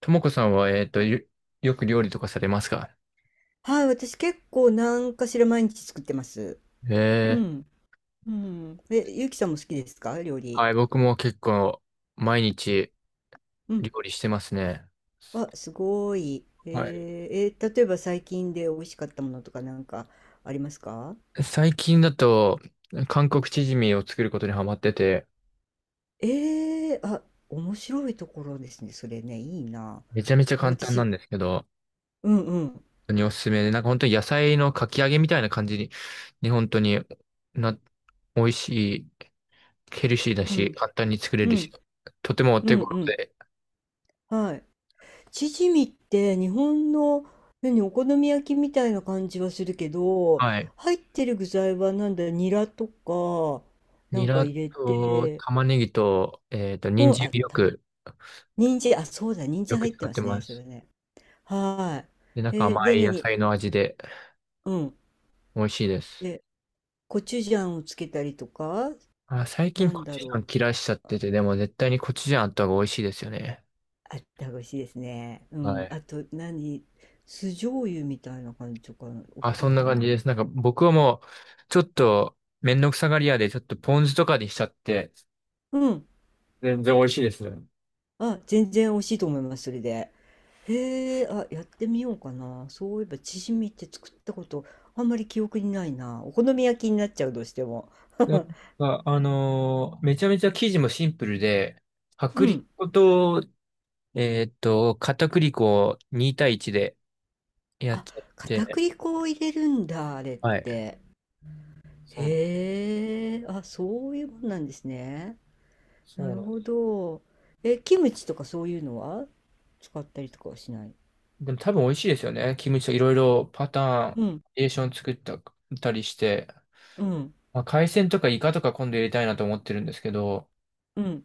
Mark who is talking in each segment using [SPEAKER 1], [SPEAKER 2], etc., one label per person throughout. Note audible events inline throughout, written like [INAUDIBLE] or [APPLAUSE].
[SPEAKER 1] ともこさんは、よく料理とかされますか？
[SPEAKER 2] はい、私結構何かしら毎日作ってます。う
[SPEAKER 1] ええ。
[SPEAKER 2] ん。うん。え、ゆうきさんも好きですか料理？
[SPEAKER 1] はい、僕も結構毎日
[SPEAKER 2] うん。
[SPEAKER 1] 料理してますね。
[SPEAKER 2] あ、すごい。
[SPEAKER 1] はい。
[SPEAKER 2] 例えば最近で美味しかったものとかなんかありますか？
[SPEAKER 1] 最近だと、韓国チヂミを作ることにハマってて、
[SPEAKER 2] あ、面白いところですね。それね、いいな。
[SPEAKER 1] めちゃめちゃ簡単な
[SPEAKER 2] 私、
[SPEAKER 1] んですけど、本
[SPEAKER 2] うんうん。
[SPEAKER 1] 当におすすめで、なんか本当に野菜のかき揚げみたいな感じに本当にな、美味しい、ヘルシーだ
[SPEAKER 2] う
[SPEAKER 1] し、
[SPEAKER 2] ん。
[SPEAKER 1] 簡単に作れ
[SPEAKER 2] う
[SPEAKER 1] るし、
[SPEAKER 2] ん。
[SPEAKER 1] とてもお
[SPEAKER 2] う
[SPEAKER 1] 手
[SPEAKER 2] ん
[SPEAKER 1] 頃
[SPEAKER 2] うん。
[SPEAKER 1] で、
[SPEAKER 2] はい。チヂミって日本の、何、お好み焼きみたいな感じはするけど、
[SPEAKER 1] はい。
[SPEAKER 2] 入ってる具材はなんだ、ニラとかな
[SPEAKER 1] ニ
[SPEAKER 2] んか
[SPEAKER 1] ラ
[SPEAKER 2] 入れ
[SPEAKER 1] と
[SPEAKER 2] て、
[SPEAKER 1] 玉ねぎと、人
[SPEAKER 2] うん、あ
[SPEAKER 1] 参
[SPEAKER 2] っ
[SPEAKER 1] をよ
[SPEAKER 2] た、
[SPEAKER 1] く、
[SPEAKER 2] 人参、あ、そうだ、人
[SPEAKER 1] よ
[SPEAKER 2] 参入
[SPEAKER 1] く
[SPEAKER 2] って
[SPEAKER 1] 使っ
[SPEAKER 2] ま
[SPEAKER 1] て
[SPEAKER 2] すね、
[SPEAKER 1] ま
[SPEAKER 2] それ
[SPEAKER 1] す。
[SPEAKER 2] ね。は
[SPEAKER 1] で、なん
[SPEAKER 2] い。
[SPEAKER 1] か甘
[SPEAKER 2] で、
[SPEAKER 1] い野
[SPEAKER 2] 何、
[SPEAKER 1] 菜の味で
[SPEAKER 2] うん、
[SPEAKER 1] 美味しいです。
[SPEAKER 2] で、コチュジャンをつけたりとか、
[SPEAKER 1] あ、最近
[SPEAKER 2] なん
[SPEAKER 1] コ
[SPEAKER 2] だ
[SPEAKER 1] チュジャ
[SPEAKER 2] ろ
[SPEAKER 1] ン
[SPEAKER 2] う、
[SPEAKER 1] 切らしちゃってて、でも絶対にコチュジャンあった方が美味しいですよね。
[SPEAKER 2] あった、美味しいですね。う
[SPEAKER 1] は
[SPEAKER 2] ん、
[SPEAKER 1] い。
[SPEAKER 2] あと何、酢醤油みたいな感じとか、お、
[SPEAKER 1] あ、そ
[SPEAKER 2] な
[SPEAKER 1] ん
[SPEAKER 2] ん
[SPEAKER 1] な
[SPEAKER 2] か
[SPEAKER 1] 感じ
[SPEAKER 2] な。
[SPEAKER 1] です。なんか僕はもう、ちょっとめんどくさがり屋で、ちょっとポン酢とかにしちゃって、
[SPEAKER 2] うん、
[SPEAKER 1] 全然美味しいですね。
[SPEAKER 2] あ、全然美味しいと思います、それで。へえ、あ、やってみようかな。そういえば、チヂミって作ったこと、あんまり記憶にないな。お好み焼きになっちゃう、どうしても。
[SPEAKER 1] でも、
[SPEAKER 2] [LAUGHS]
[SPEAKER 1] めちゃめちゃ生地もシンプルで、
[SPEAKER 2] う
[SPEAKER 1] 薄力
[SPEAKER 2] ん。
[SPEAKER 1] 粉と、片栗粉を2対1でやっ
[SPEAKER 2] あ、
[SPEAKER 1] ちゃっ
[SPEAKER 2] 片
[SPEAKER 1] て、
[SPEAKER 2] 栗粉を入れるんだ、あれっ
[SPEAKER 1] はい。
[SPEAKER 2] て。
[SPEAKER 1] そうなん。
[SPEAKER 2] へえ、あ、そういうもんなんですね。
[SPEAKER 1] そう
[SPEAKER 2] なる
[SPEAKER 1] なん。
[SPEAKER 2] ほど。え、キムチとかそういうのは使ったりとかはしない？
[SPEAKER 1] でも多分美味しいですよね。キムチといろいろパターン、バ
[SPEAKER 2] うん、
[SPEAKER 1] リエーション作ったたりして。
[SPEAKER 2] うん、
[SPEAKER 1] まあ、海鮮とかイカとか今度入れたいなと思ってるんですけど、
[SPEAKER 2] うん。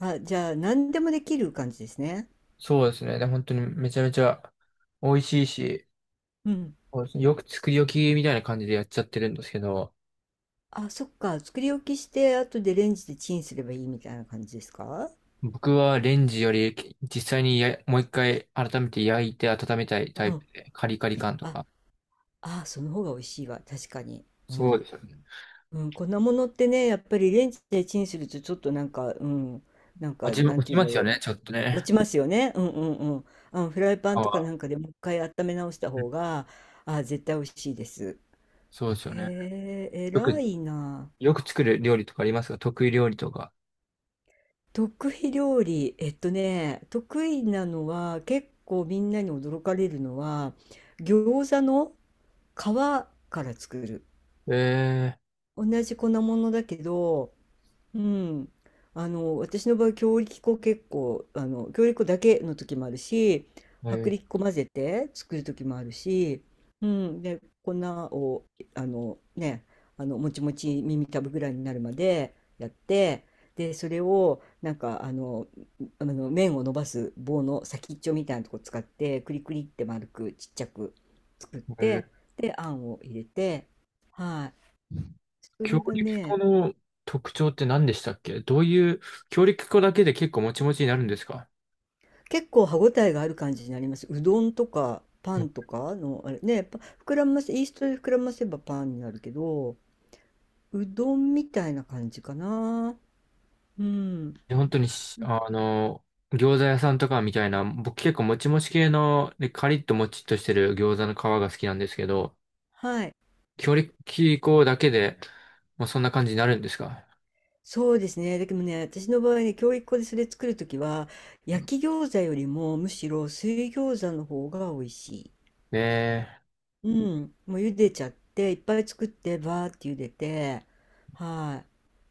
[SPEAKER 2] あ、じゃあ、何でもできる感じですね。
[SPEAKER 1] そうですね。で本当にめちゃめちゃ美味しいし、
[SPEAKER 2] うん。
[SPEAKER 1] そうですね、よく作り置きみたいな感じでやっちゃってるんですけど、
[SPEAKER 2] あ、そっか。作り置きして、後でレンジでチンすればいいみたいな感じですか？
[SPEAKER 1] 僕はレンジより実際にもう一回改めて焼いて温めたい
[SPEAKER 2] う
[SPEAKER 1] タイプ
[SPEAKER 2] ん。
[SPEAKER 1] で、カリカリ感と
[SPEAKER 2] あ、
[SPEAKER 1] か。
[SPEAKER 2] あ、その方が美味しいわ。確かに。う
[SPEAKER 1] そう
[SPEAKER 2] ん。
[SPEAKER 1] ですよね。
[SPEAKER 2] うん、粉物ってね、やっぱりレンジでチンするとちょっとなんか、うん、なんか、
[SPEAKER 1] 味も
[SPEAKER 2] なん
[SPEAKER 1] 落
[SPEAKER 2] て
[SPEAKER 1] ち
[SPEAKER 2] いうん
[SPEAKER 1] ま
[SPEAKER 2] だ
[SPEAKER 1] すよね、
[SPEAKER 2] ろ
[SPEAKER 1] ちょっと
[SPEAKER 2] う。落
[SPEAKER 1] ね。
[SPEAKER 2] ちますよね。うんうんうん。あの、フライパ
[SPEAKER 1] 皮
[SPEAKER 2] ンとかな
[SPEAKER 1] は、
[SPEAKER 2] んかでもう一回温め直した
[SPEAKER 1] うん、
[SPEAKER 2] 方が、あ、絶対美味しいです。
[SPEAKER 1] そうですよね。
[SPEAKER 2] へえ、
[SPEAKER 1] よ
[SPEAKER 2] 偉
[SPEAKER 1] く、
[SPEAKER 2] いな。
[SPEAKER 1] よく作る料理とかありますか？得意料理とか。
[SPEAKER 2] 得意料理、得意なのは結構みんなに驚かれるのは餃子の皮から作る。
[SPEAKER 1] え
[SPEAKER 2] 同じ粉物だけど、うん、あの、私の場合強力粉、結構、あの、強力粉だけの時もあるし、
[SPEAKER 1] ー、
[SPEAKER 2] 薄
[SPEAKER 1] え
[SPEAKER 2] 力粉混ぜて作る時もあるし、うん、で粉を、あのね、あの、もちもち耳たぶぐらいになるまでやって、でそれをなんか、あの、あの麺を伸ばす棒の先っちょみたいなとこ使って、クリクリって丸くちっちゃく作っ
[SPEAKER 1] ー、え
[SPEAKER 2] て、
[SPEAKER 1] ー
[SPEAKER 2] であんを入れて、はい、そ
[SPEAKER 1] 強
[SPEAKER 2] れは
[SPEAKER 1] 力粉
[SPEAKER 2] ね、
[SPEAKER 1] の特徴って何でしたっけ？どういう、強力粉だけで結構もちもちになるんですか？
[SPEAKER 2] 結構歯ごたえがある感じになります。うどんとかパ
[SPEAKER 1] うん。
[SPEAKER 2] ンとかの、あれね、膨らませ、イーストで膨らませばパンになるけど、うどんみたいな感じかな。うん。
[SPEAKER 1] 本当に餃子屋さんとかみたいな、僕結構もちもち系の、で、カリッともちっとしてる餃子の皮が好きなんですけど、
[SPEAKER 2] はい。
[SPEAKER 1] 強力粉だけで、もうそんな感じになるんですか？
[SPEAKER 2] そうですね。だけどね、私の場合ね、教育粉でそれ作るときは、焼き餃子よりもむしろ水餃子の方が美味しい。
[SPEAKER 1] え
[SPEAKER 2] うん、もう茹でちゃって、いっぱい作って、バーって茹でて、は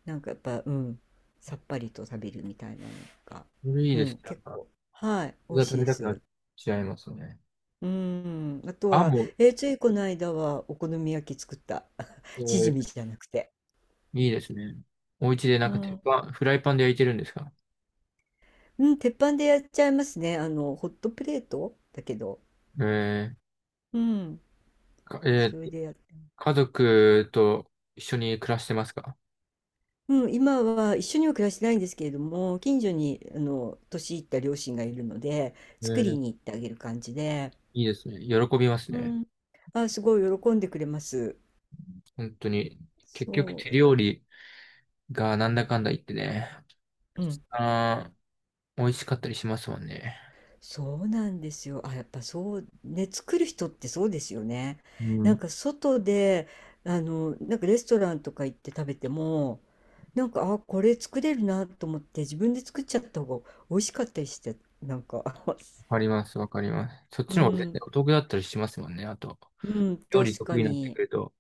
[SPEAKER 2] い。なんかやっぱ、うん、さっぱりと食べるみたいなのが、
[SPEAKER 1] ー、それいい
[SPEAKER 2] う
[SPEAKER 1] です
[SPEAKER 2] ん、
[SPEAKER 1] ね。なん
[SPEAKER 2] 結
[SPEAKER 1] か、
[SPEAKER 2] 構、はい、
[SPEAKER 1] 餃
[SPEAKER 2] 美
[SPEAKER 1] 子
[SPEAKER 2] 味しい
[SPEAKER 1] 食べ
[SPEAKER 2] で
[SPEAKER 1] たくなっ
[SPEAKER 2] す。
[SPEAKER 1] ちゃいますね。
[SPEAKER 2] うん、あと
[SPEAKER 1] あ、
[SPEAKER 2] は、
[SPEAKER 1] もう、
[SPEAKER 2] ついこの間はお好み焼き作った。
[SPEAKER 1] え
[SPEAKER 2] [LAUGHS] チヂミ
[SPEAKER 1] ー、
[SPEAKER 2] じゃなくて。
[SPEAKER 1] いいですね。お家でな
[SPEAKER 2] う
[SPEAKER 1] んか鉄
[SPEAKER 2] ん、
[SPEAKER 1] 板、フライパンで焼いてるんですか？
[SPEAKER 2] うん、鉄板でやっちゃいますね。あの、ホットプレートだけど。
[SPEAKER 1] え
[SPEAKER 2] うん、
[SPEAKER 1] ー、
[SPEAKER 2] それでやっ
[SPEAKER 1] 家族と一緒に暮らしてますか？
[SPEAKER 2] うん、今は一緒には暮らしてないんですけれども、近所にあの年いった両親がいるので、
[SPEAKER 1] え
[SPEAKER 2] 作り
[SPEAKER 1] ー、
[SPEAKER 2] に行ってあげる感じで、
[SPEAKER 1] いいですね。喜びます
[SPEAKER 2] う
[SPEAKER 1] ね。
[SPEAKER 2] ん、あ、すごい喜んでくれます。
[SPEAKER 1] 本当に。結局
[SPEAKER 2] そ
[SPEAKER 1] 手料理がなんだかんだ言ってね、
[SPEAKER 2] う、う
[SPEAKER 1] 一
[SPEAKER 2] ん、
[SPEAKER 1] 番美味しかったりしますもんね。
[SPEAKER 2] そうなんですよ。あ、やっぱそうね、作る人ってそうですよね。
[SPEAKER 1] うん。
[SPEAKER 2] な
[SPEAKER 1] わ
[SPEAKER 2] んか外で、あの、なんかレストランとか行って食べても、なんか、あ、これ作れるなと思って自分で作っちゃった方が美味しかったりして、なんか、[LAUGHS]
[SPEAKER 1] かります、わかります。そっ
[SPEAKER 2] う
[SPEAKER 1] ちの方が絶対
[SPEAKER 2] ん、
[SPEAKER 1] お得だったりしますもんね。あと、
[SPEAKER 2] うん、
[SPEAKER 1] 料理
[SPEAKER 2] 確か
[SPEAKER 1] 得意になってく
[SPEAKER 2] に。
[SPEAKER 1] ると。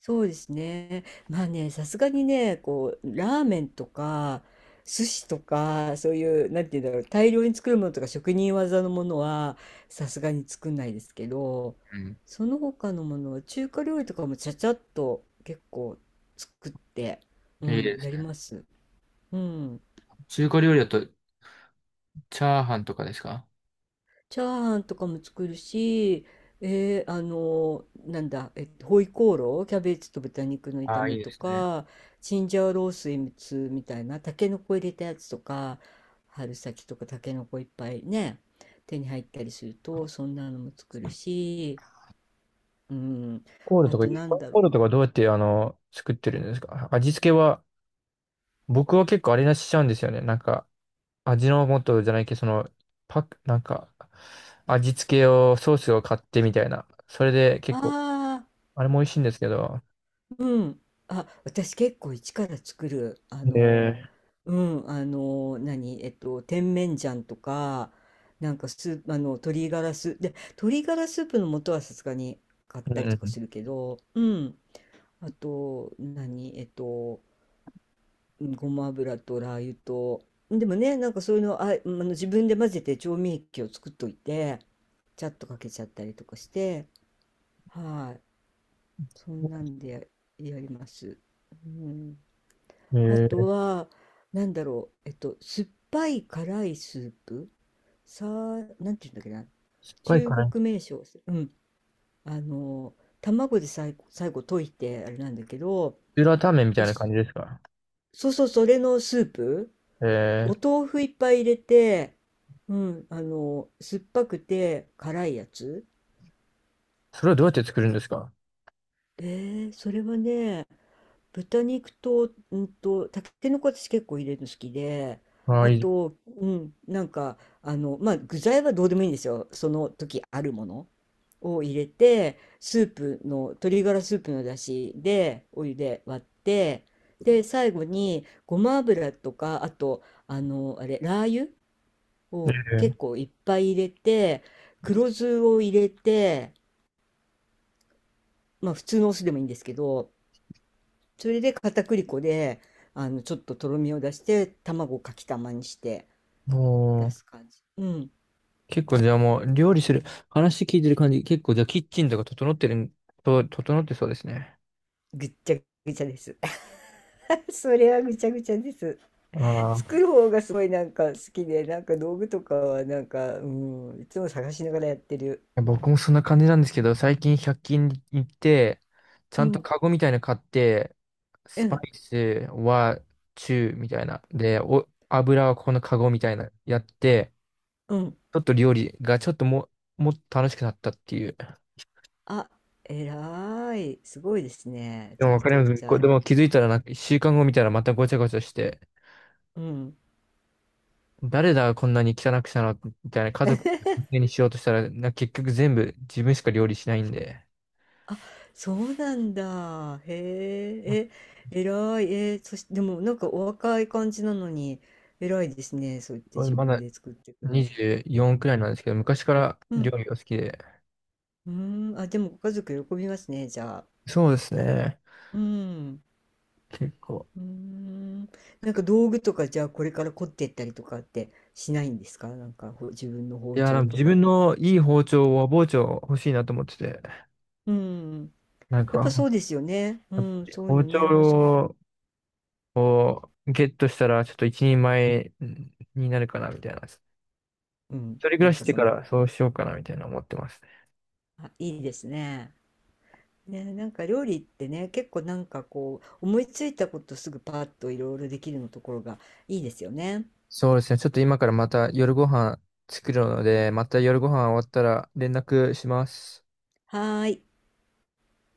[SPEAKER 2] そうですね。まあね、さすがにね、こう、ラーメンとか、寿司とか、そういう、なんていうんだろう、大量に作るものとか、職人技のものは、さすがに作んないですけど、
[SPEAKER 1] うん。
[SPEAKER 2] その他のものは、中華料理とかもちゃちゃっと結構作って、う
[SPEAKER 1] いい
[SPEAKER 2] ん、
[SPEAKER 1] です
[SPEAKER 2] やり
[SPEAKER 1] ね。
[SPEAKER 2] ます。うん。
[SPEAKER 1] 中華料理だと、チャーハンとかですか？
[SPEAKER 2] チャーハンとかも作るし、あのなんだ、ホイコーロー、キャベツと豚肉の
[SPEAKER 1] あ
[SPEAKER 2] 炒
[SPEAKER 1] あー、い
[SPEAKER 2] め
[SPEAKER 1] いで
[SPEAKER 2] と
[SPEAKER 1] すね。
[SPEAKER 2] か、チンジャオロースーツみたいな、タケノコ入れたやつとか、春先とかタケノコいっぱいね、手に入ったりすると、そんなのも作るし、うん、
[SPEAKER 1] コール
[SPEAKER 2] あ
[SPEAKER 1] とか、
[SPEAKER 2] となんだ
[SPEAKER 1] コ
[SPEAKER 2] ろ
[SPEAKER 1] ールとかどうやって、作ってるんですか？味付けは？僕は結構あれなしちゃうんですよね。なんか、味の素じゃないけど、パック、なんか、味付けを、ソースを買ってみたいな。それで
[SPEAKER 2] う。
[SPEAKER 1] 結
[SPEAKER 2] あ
[SPEAKER 1] 構、
[SPEAKER 2] あ、
[SPEAKER 1] あれも美味しいんですけど。
[SPEAKER 2] うん。あ、私結構一から作る。あの、
[SPEAKER 1] ええ。
[SPEAKER 2] うん、あの、何、甜麺醤とか、なんかスープ、あの、鶏ガラスープ、で、鶏ガラスープの素はさすがに買っ
[SPEAKER 1] う
[SPEAKER 2] たりとかす
[SPEAKER 1] ん
[SPEAKER 2] るけど、うん。あと、何、うん、ごま油とラー油と、でもね、なんかそういうの、あ、あの、自分で混ぜて調味液を作っといて、ちゃっとかけちゃったりとかして、はい。そんなんでや、やります。うん、
[SPEAKER 1] う
[SPEAKER 2] あ
[SPEAKER 1] ん。
[SPEAKER 2] とは、なんだろう、酸っぱい辛いスープ、さあ、なんていうんだっけな、
[SPEAKER 1] 酸っぱい
[SPEAKER 2] 中
[SPEAKER 1] かな。
[SPEAKER 2] 国名称、うん、あの、卵で最後溶いて、あれなんだけど、
[SPEAKER 1] ピューラータンメンみた
[SPEAKER 2] お
[SPEAKER 1] いな感
[SPEAKER 2] 酢、
[SPEAKER 1] じですか。
[SPEAKER 2] そうそう、それのスープ、
[SPEAKER 1] え
[SPEAKER 2] お
[SPEAKER 1] え、
[SPEAKER 2] 豆腐いっぱい入れて、うん、あの、酸っぱくて辛いやつ。
[SPEAKER 1] それはどうやって作るんですか？
[SPEAKER 2] それはね、豚肉と、たけのこ私結構入れるの好きで、
[SPEAKER 1] ああ、
[SPEAKER 2] あ
[SPEAKER 1] いいで
[SPEAKER 2] と、うん、なんか、あの、まあ、具材はどうでもいいんですよ。その時あるものを入れて、スープの、鶏ガラスープの出汁で、お湯で割って、で、最後に、ごま油とか、あと、あの、あれ、ラー油
[SPEAKER 1] す
[SPEAKER 2] を
[SPEAKER 1] ね。
[SPEAKER 2] 結構いっぱい入れて、黒酢を入れて、まあ、普通のお酢でもいいんですけど、それで片栗粉で、あの、ちょっととろみを出して、卵をかきたまにして出
[SPEAKER 1] もう、
[SPEAKER 2] す感じ。うん。
[SPEAKER 1] 結構じゃあもう、料理する、話聞いてる感じ、結構じゃあキッチンとか整ってるん、整ってそうですね。
[SPEAKER 2] ぐっちゃぐちゃです。[LAUGHS] それはぐちゃぐちゃです。
[SPEAKER 1] ああ。
[SPEAKER 2] 作る方がすごいなんか好きで、なんか道具とかはなんか、うん、いつも探しながらやってる。
[SPEAKER 1] 僕もそんな感じなんですけど、最近100均に行って、ち
[SPEAKER 2] う
[SPEAKER 1] ゃんと
[SPEAKER 2] ん、
[SPEAKER 1] カゴみたいなの買って、
[SPEAKER 2] う
[SPEAKER 1] スパ
[SPEAKER 2] ん、
[SPEAKER 1] イスは中みたいな。で、油はここのカゴみたいなやって、
[SPEAKER 2] うん。
[SPEAKER 1] ちょっと料理がちょっともっと楽しくなったっていう。
[SPEAKER 2] あ、えらい。すごいですね。
[SPEAKER 1] で
[SPEAKER 2] ち
[SPEAKER 1] も
[SPEAKER 2] ゃ
[SPEAKER 1] わ
[SPEAKER 2] ん
[SPEAKER 1] かりま
[SPEAKER 2] と、
[SPEAKER 1] す。
[SPEAKER 2] じ
[SPEAKER 1] こ
[SPEAKER 2] ゃ
[SPEAKER 1] れ
[SPEAKER 2] あ、
[SPEAKER 1] でも気づいたらなんか週間後見たらまたごちゃごちゃして、
[SPEAKER 2] うん。
[SPEAKER 1] 誰だこんなに汚くしたのみたいな家族にしようとしたら、結局全部自分しか料理しないんで、
[SPEAKER 2] そうなんだ。へえ、え、偉い。でもなんかお若い感じなのに、偉いですね。そう言って
[SPEAKER 1] ま
[SPEAKER 2] 自
[SPEAKER 1] ま
[SPEAKER 2] 分
[SPEAKER 1] だ
[SPEAKER 2] で作っていくの。
[SPEAKER 1] 24くらいなんですけど、昔から
[SPEAKER 2] う
[SPEAKER 1] 料
[SPEAKER 2] ん。
[SPEAKER 1] 理が好きで。
[SPEAKER 2] うーん。あ、でもご家族喜びますね、じゃあ。
[SPEAKER 1] そうですね。
[SPEAKER 2] うん。
[SPEAKER 1] 結構。
[SPEAKER 2] うーん。なんか道具とか、じゃあこれから凝っていったりとかってしないんですか？なんか自分の
[SPEAKER 1] い
[SPEAKER 2] 包
[SPEAKER 1] や、で
[SPEAKER 2] 丁
[SPEAKER 1] も
[SPEAKER 2] と
[SPEAKER 1] 自
[SPEAKER 2] か？
[SPEAKER 1] 分のいい包丁、和包丁欲しいなと思ってて。
[SPEAKER 2] うん。
[SPEAKER 1] なん
[SPEAKER 2] やっぱ
[SPEAKER 1] か、
[SPEAKER 2] そうですよね。うん。そういう
[SPEAKER 1] 包
[SPEAKER 2] の
[SPEAKER 1] 丁
[SPEAKER 2] ね、欲しく。
[SPEAKER 1] をゲットしたら、ちょっと一人前になるかな、みたいな。一
[SPEAKER 2] うん。
[SPEAKER 1] 人暮
[SPEAKER 2] な
[SPEAKER 1] ら
[SPEAKER 2] ん
[SPEAKER 1] しし
[SPEAKER 2] か
[SPEAKER 1] て
[SPEAKER 2] そ
[SPEAKER 1] か
[SPEAKER 2] んな
[SPEAKER 1] ら
[SPEAKER 2] 感
[SPEAKER 1] そうしようかな、みたいな思ってますね。
[SPEAKER 2] じ。あ、いいですね。ね、なんか料理ってね、結構なんかこう、思いついたことすぐパーッといろいろできるのところがいいですよね。
[SPEAKER 1] そうですね。ちょっと今からまた夜ご飯作るので、また夜ご飯終わったら連絡します。
[SPEAKER 2] はーい。